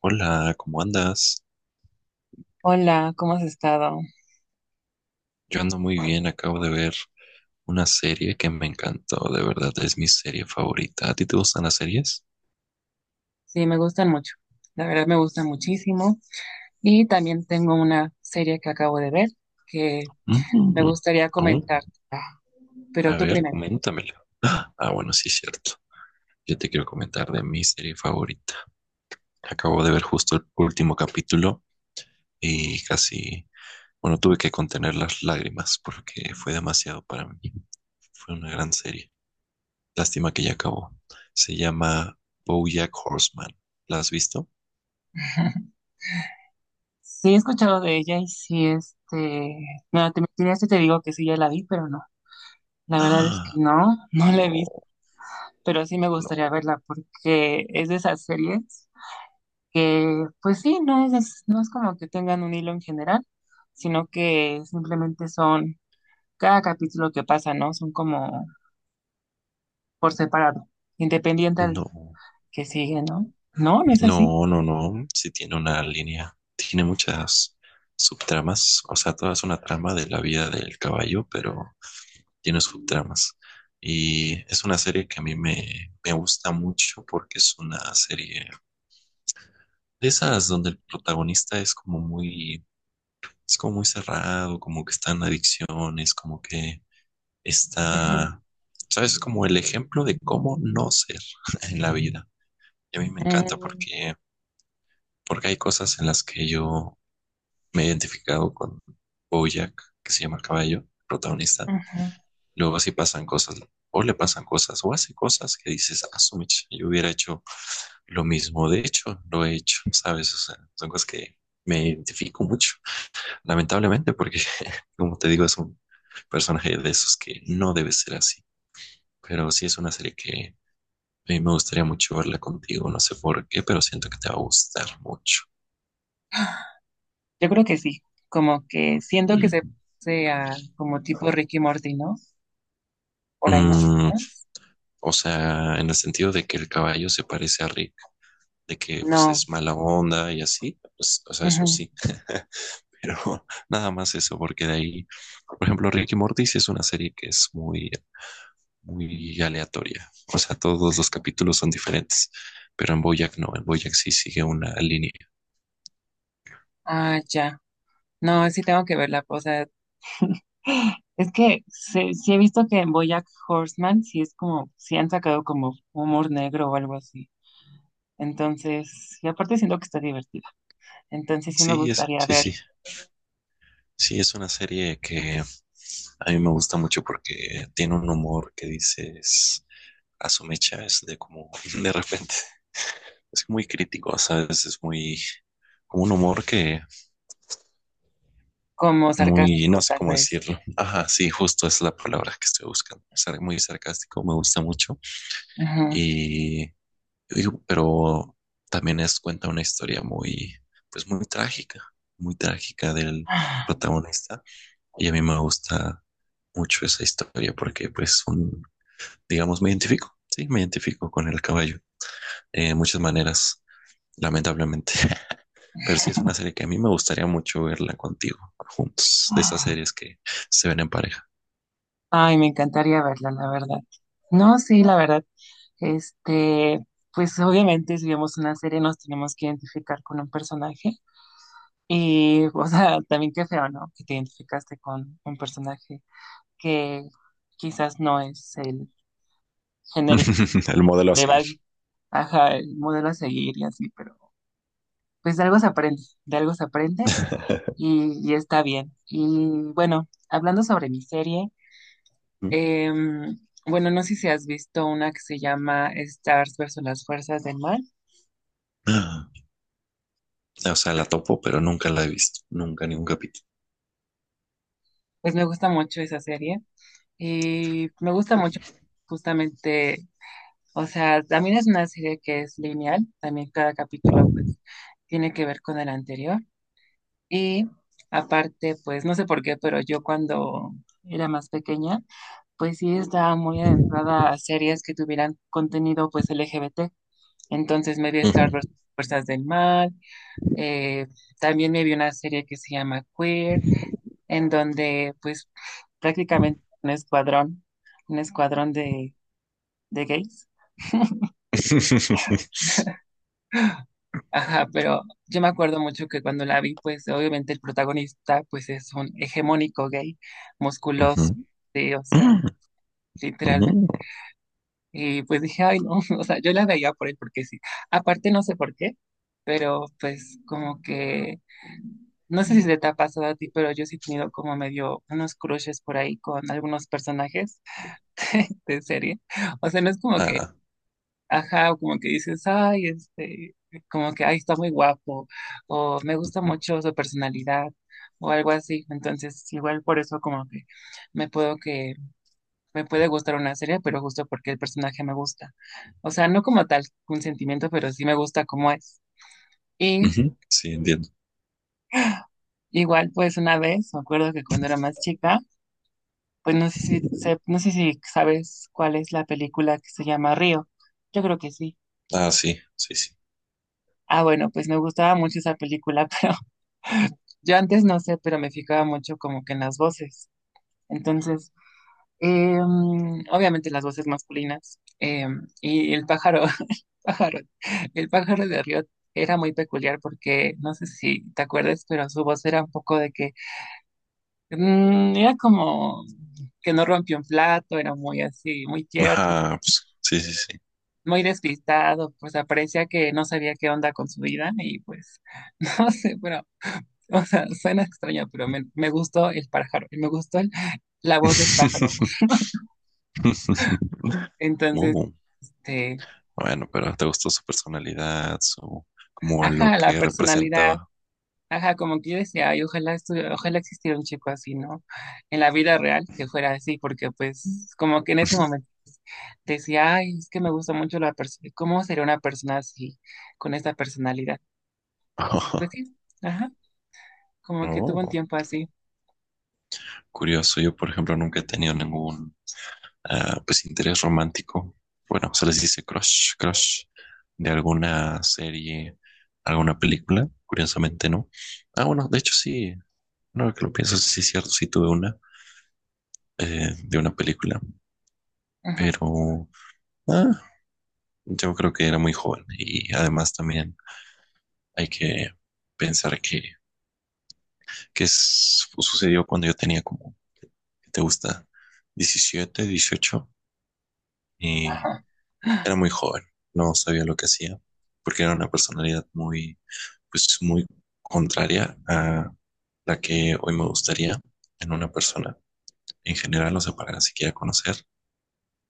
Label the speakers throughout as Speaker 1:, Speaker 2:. Speaker 1: Hola, ¿cómo andas?
Speaker 2: Hola, ¿cómo has estado?
Speaker 1: Yo ando muy bien, acabo de ver una serie que me encantó, de verdad es mi serie favorita. ¿A ti te gustan las series?
Speaker 2: Sí, me gustan mucho. La verdad me gustan muchísimo. Y también tengo una serie que acabo de ver que me
Speaker 1: Mm,
Speaker 2: gustaría
Speaker 1: oh,
Speaker 2: comentarte. Pero
Speaker 1: a
Speaker 2: tú
Speaker 1: ver,
Speaker 2: primero.
Speaker 1: coméntamela. Ah, bueno, sí, cierto. Yo te quiero comentar de mi serie favorita. Acabo de ver justo el último capítulo y casi, bueno, tuve que contener las lágrimas porque fue demasiado para mí. Fue una gran serie. Lástima que ya acabó. Se llama BoJack Horseman. ¿La has visto?
Speaker 2: Sí, he escuchado de ella y sí, No, te mentiría si te digo que sí, ya la vi, pero no. La verdad es que
Speaker 1: ¡Ah!
Speaker 2: no, no la he visto.
Speaker 1: No,
Speaker 2: Pero sí me gustaría
Speaker 1: no,
Speaker 2: verla porque es de esas series que, pues sí, no es como que tengan un hilo en general, sino que simplemente son... cada capítulo que pasa, ¿no? Son como por separado, independiente al
Speaker 1: no,
Speaker 2: que sigue, ¿no? No, no es así.
Speaker 1: no, no, no. Sí tiene una línea, tiene muchas subtramas, o sea, toda es una trama de la vida del caballo, pero tiene subtramas. Y es una serie que a mí me gusta mucho porque es una serie de esas donde el protagonista es como muy cerrado, como que está en adicciones, como que
Speaker 2: Ujú,
Speaker 1: está, ¿sabes? Es como el ejemplo de cómo no ser en la vida. Y a mí me encanta
Speaker 2: mm,
Speaker 1: porque hay cosas en las que yo me he identificado con Bojack, que se llama el caballo, protagonista.
Speaker 2: ujú.
Speaker 1: Luego sí pasan cosas, o le pasan cosas, o hace cosas que dices, ah, su mecha, yo hubiera hecho lo mismo. De hecho, lo he hecho, ¿sabes? O sea, son cosas que me identifico mucho, lamentablemente, porque, como te digo, es un personaje de esos que no debe ser así. Pero sí es una serie que a mí me gustaría mucho verla contigo, no sé por qué, pero siento que te va a gustar mucho.
Speaker 2: Yo creo que sí, como que siento que
Speaker 1: Mm.
Speaker 2: se sea como tipo Ricky Morty, ¿no? Por ahí más o
Speaker 1: Mm,
Speaker 2: menos.
Speaker 1: o sea, en el sentido de que el caballo se parece a Rick, de que pues
Speaker 2: No.
Speaker 1: es mala onda y así, pues, o sea, eso
Speaker 2: Ujú.
Speaker 1: sí, pero nada más eso, porque de ahí, por ejemplo, Rick y Morty sí es una serie que es muy, muy aleatoria, o sea, todos los capítulos son diferentes, pero en Bojack no, en Bojack sí sigue una línea.
Speaker 2: Ah, ya. No, sí tengo que verla, o sea, es que sí, sí he visto que en BoJack Horseman sí es como, sí han sacado como humor negro o algo así. Entonces, y aparte siento que está divertida. Entonces sí me
Speaker 1: Sí, es,
Speaker 2: gustaría
Speaker 1: sí,
Speaker 2: ver
Speaker 1: sí, sí, es una serie que a mí me gusta mucho porque tiene un humor que dices, a su mecha es de como, de repente, es muy crítico, ¿sabes? Es muy, como un humor que
Speaker 2: como
Speaker 1: muy, no
Speaker 2: sarcástico,
Speaker 1: sé
Speaker 2: tal
Speaker 1: cómo
Speaker 2: vez.
Speaker 1: decirlo. Ajá, sí, justo es la palabra que estoy buscando. Es algo muy sarcástico, me gusta mucho.
Speaker 2: Ujú.
Speaker 1: Y digo, pero también es cuenta una historia muy, pues muy trágica del protagonista. Y a mí me gusta mucho esa historia porque pues un, digamos, me identifico, sí, me identifico con el caballo de muchas maneras, lamentablemente. Pero sí es una serie que a mí me gustaría mucho verla contigo, juntos, de esas series que se ven en pareja.
Speaker 2: Ay, me encantaría verla, la verdad. No, sí, la verdad. Este, pues obviamente si vemos una serie nos tenemos que identificar con un personaje. Y, o sea, también qué feo, ¿no? Que te identificaste con un personaje que quizás no es el genérico,
Speaker 1: El modelo a
Speaker 2: le va,
Speaker 1: seguir.
Speaker 2: ajá, el modelo a seguir y así, pero pues de algo se aprende, de algo se aprende y está bien. Y bueno, hablando sobre mi serie, Em, bueno, no sé si has visto una que se llama Stars versus las fuerzas del mal.
Speaker 1: O sea, la topo, pero nunca la he visto, nunca ni un capítulo.
Speaker 2: Pues me gusta mucho esa serie y me gusta mucho justamente, o sea, también es una serie que es lineal, también cada capítulo pues tiene que ver con el anterior y aparte pues no sé por qué, pero yo cuando era más pequeña pues sí estaba muy adentrada a series que tuvieran contenido pues LGBT, entonces me vi Star versus las fuerzas del mal. Eh, también me vi una serie que se llama Queer, en donde pues prácticamente un escuadrón de gays. Ajá, pero yo me acuerdo mucho que cuando la vi, pues obviamente el protagonista pues es un hegemónico gay, musculoso,
Speaker 1: Ujú.
Speaker 2: sí, o sea,
Speaker 1: Ujú.
Speaker 2: literalmente. Y pues dije, ay, no, o sea, yo la veía por él porque sí. Aparte, no sé por qué, pero pues como que, no sé si se te ha pasado a ti, pero yo sí he tenido como medio unos crushes por ahí con algunos personajes de serie. O sea, no es como que,
Speaker 1: Ah,
Speaker 2: ajá, o como que dices, ay, como que, ay, está muy guapo, o me gusta mucho su personalidad, o algo así. Entonces, igual por eso como que me puedo que me puede gustar una serie, pero justo porque el personaje me gusta. O sea, no como tal un sentimiento, pero sí me gusta cómo es. Y
Speaker 1: ujú. Sí, entiendo.
Speaker 2: igual, pues una vez, me acuerdo que cuando era más chica, pues no sé si, no sé si sabes cuál es la película que se llama Río. Yo creo que sí.
Speaker 1: Ah, sí, sí, sí.
Speaker 2: Ah, bueno, pues me gustaba mucho esa película, pero yo antes no sé, pero me fijaba mucho como que en las voces. Entonces, Eh, obviamente las voces masculinas. Y el pájaro, pájaro, el pájaro de Riot era muy peculiar porque, no sé si te acuerdas, pero su voz era un poco de que era como que no rompió un plato, era muy así, muy tierno,
Speaker 1: Ajá, pues, sí, sí,
Speaker 2: muy despistado, pues parecía que no sabía qué onda con su vida y pues, no sé, pero, o sea, suena extraño, pero me gustó el pájaro, la voz del pájaro.
Speaker 1: sí.
Speaker 2: Entonces,
Speaker 1: Uh.
Speaker 2: este,
Speaker 1: Bueno, pero te gustó su personalidad, su, como lo
Speaker 2: ajá, la
Speaker 1: que
Speaker 2: personalidad.
Speaker 1: representaba.
Speaker 2: Ajá, como que yo decía, ay, ojalá existiera un chico así, ¿no? En la vida real, que fuera así, porque pues como que en ese momento decía, ay, es que me gusta mucho la persona, ¿cómo sería una persona así, con esta personalidad? Y pues sí, ajá, como que tuvo
Speaker 1: Oh,
Speaker 2: un tiempo así.
Speaker 1: curioso, yo por ejemplo nunca he tenido ningún ah, pues interés romántico. Bueno, se les dice crush, crush de alguna serie, alguna película. Curiosamente no. Ah, bueno, de hecho sí, no que lo pienso, sí es cierto, sí tuve una de una película,
Speaker 2: Ajá,
Speaker 1: pero ah, yo creo que era muy joven y además también hay que pensar que sucedió cuando yo tenía como, ¿qué te gusta? 17 18 y
Speaker 2: ajá,
Speaker 1: era muy joven, no sabía lo que hacía porque era una personalidad muy, pues muy contraria a la que hoy me gustaría en una persona. En general, no sea, para siquiera conocer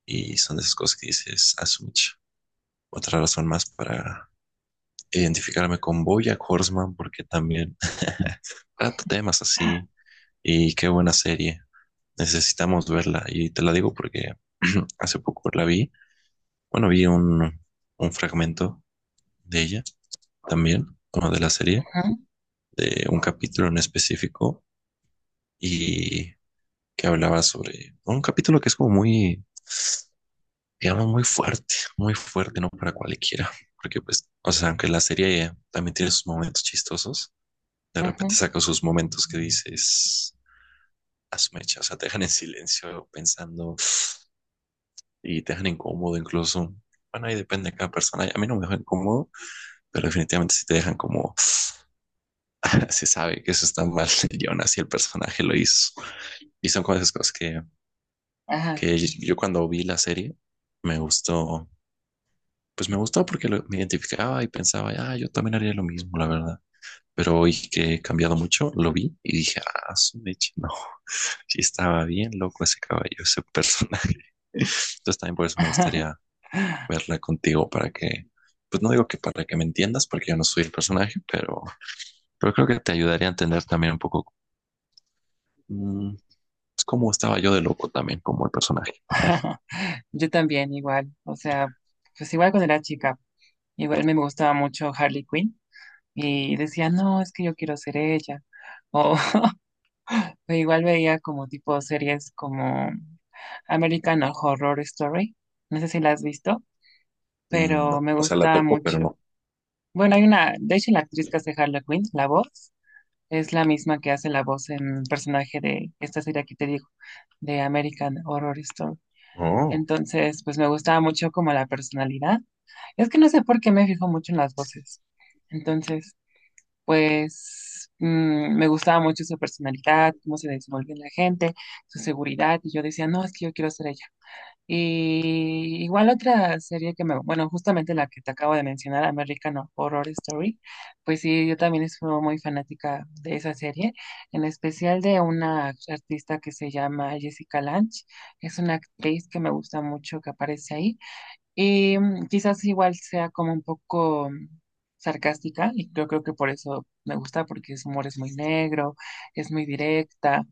Speaker 1: y son de esas cosas que dices, asumich. Otra razón más para identificarme con BoJack Horseman porque también trata temas así y qué buena serie. Necesitamos verla. Y te la digo porque hace poco la vi. Bueno, vi un fragmento de ella también, bueno, de la serie,
Speaker 2: ajá,
Speaker 1: de un capítulo en específico y que hablaba sobre un capítulo que es como muy, digamos, muy fuerte, no para cualquiera. Porque pues, o sea, aunque la serie también tiene sus momentos chistosos, de repente saca sus momentos que dices, a o sea, te dejan en silencio pensando y te dejan incómodo incluso. Bueno, ahí depende de cada persona. A mí no me dejan incómodo, pero definitivamente si te dejan como se sabe que eso está mal y aún así el personaje lo hizo. Y son como esas cosas
Speaker 2: ajá,
Speaker 1: que yo cuando vi la serie me gustó, pues me gustó me identificaba y pensaba, ah, yo también haría lo mismo, la verdad. Pero hoy que he cambiado mucho, lo vi y dije, ah, su mecha, no, sí estaba bien loco ese caballo, ese personaje. Entonces también por eso me gustaría verla contigo para que, pues no digo que para que me entiendas, porque yo no soy el personaje, pero creo que te ayudaría a entender también un poco mm, pues, cómo estaba yo de loco también como el personaje.
Speaker 2: Yo también, igual, o sea, pues igual cuando era chica, igual me gustaba mucho Harley Quinn. Y decía, no, es que yo quiero ser ella. O, o igual veía como tipo series como American Horror Story, no sé si la has visto, pero
Speaker 1: No,
Speaker 2: me
Speaker 1: o sea, la
Speaker 2: gusta
Speaker 1: topo, pero
Speaker 2: mucho.
Speaker 1: no.
Speaker 2: Bueno, hay una, de hecho la actriz que hace Harley Quinn, la voz, es la misma que hace la voz en el personaje de esta serie que te digo, de American Horror Story.
Speaker 1: Oh.
Speaker 2: Entonces, pues me gustaba mucho como la personalidad. Es que no sé por qué me fijo mucho en las voces. Entonces, pues me gustaba mucho su personalidad, cómo se desenvuelve en la gente, su seguridad, y yo decía, no, es que yo quiero ser ella. Y igual otra serie que me, bueno, justamente la que te acabo de mencionar, American Horror Story, pues sí, yo también soy muy fanática de esa serie, en especial de una artista que se llama Jessica Lange, es una actriz que me gusta mucho que aparece ahí, y quizás igual sea como un poco sarcástica, y yo creo que por eso me gusta, porque su humor es muy negro, es muy directa.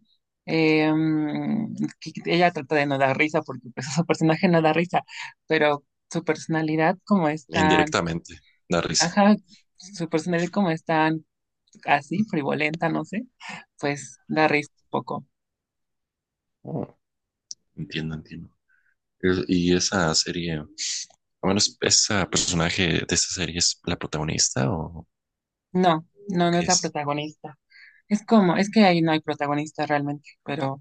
Speaker 2: Eh, mm, que ella trata de no dar risa, porque pues, su personaje no da risa, pero su personalidad como es tan,
Speaker 1: Indirectamente, da risa.
Speaker 2: ajá, su personalidad como es tan así, frivolenta, no sé, pues da risa un poco.
Speaker 1: Oh, entiendo, entiendo. Y esa serie, bueno, esa personaje de esa serie es la protagonista o,
Speaker 2: No,
Speaker 1: ¿o
Speaker 2: no, no
Speaker 1: qué
Speaker 2: es la
Speaker 1: es?
Speaker 2: protagonista. Es como, es que ahí no hay protagonista realmente, pero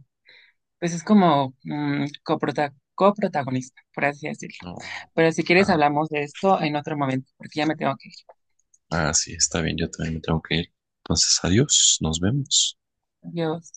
Speaker 2: pues es como coprotagonista, por así decirlo.
Speaker 1: No.
Speaker 2: Pero si quieres
Speaker 1: Ah,
Speaker 2: hablamos de esto en otro momento, porque ya me tengo que ir.
Speaker 1: ah, sí, está bien, yo también me tengo que ir. Entonces, adiós, nos vemos.
Speaker 2: Adiós.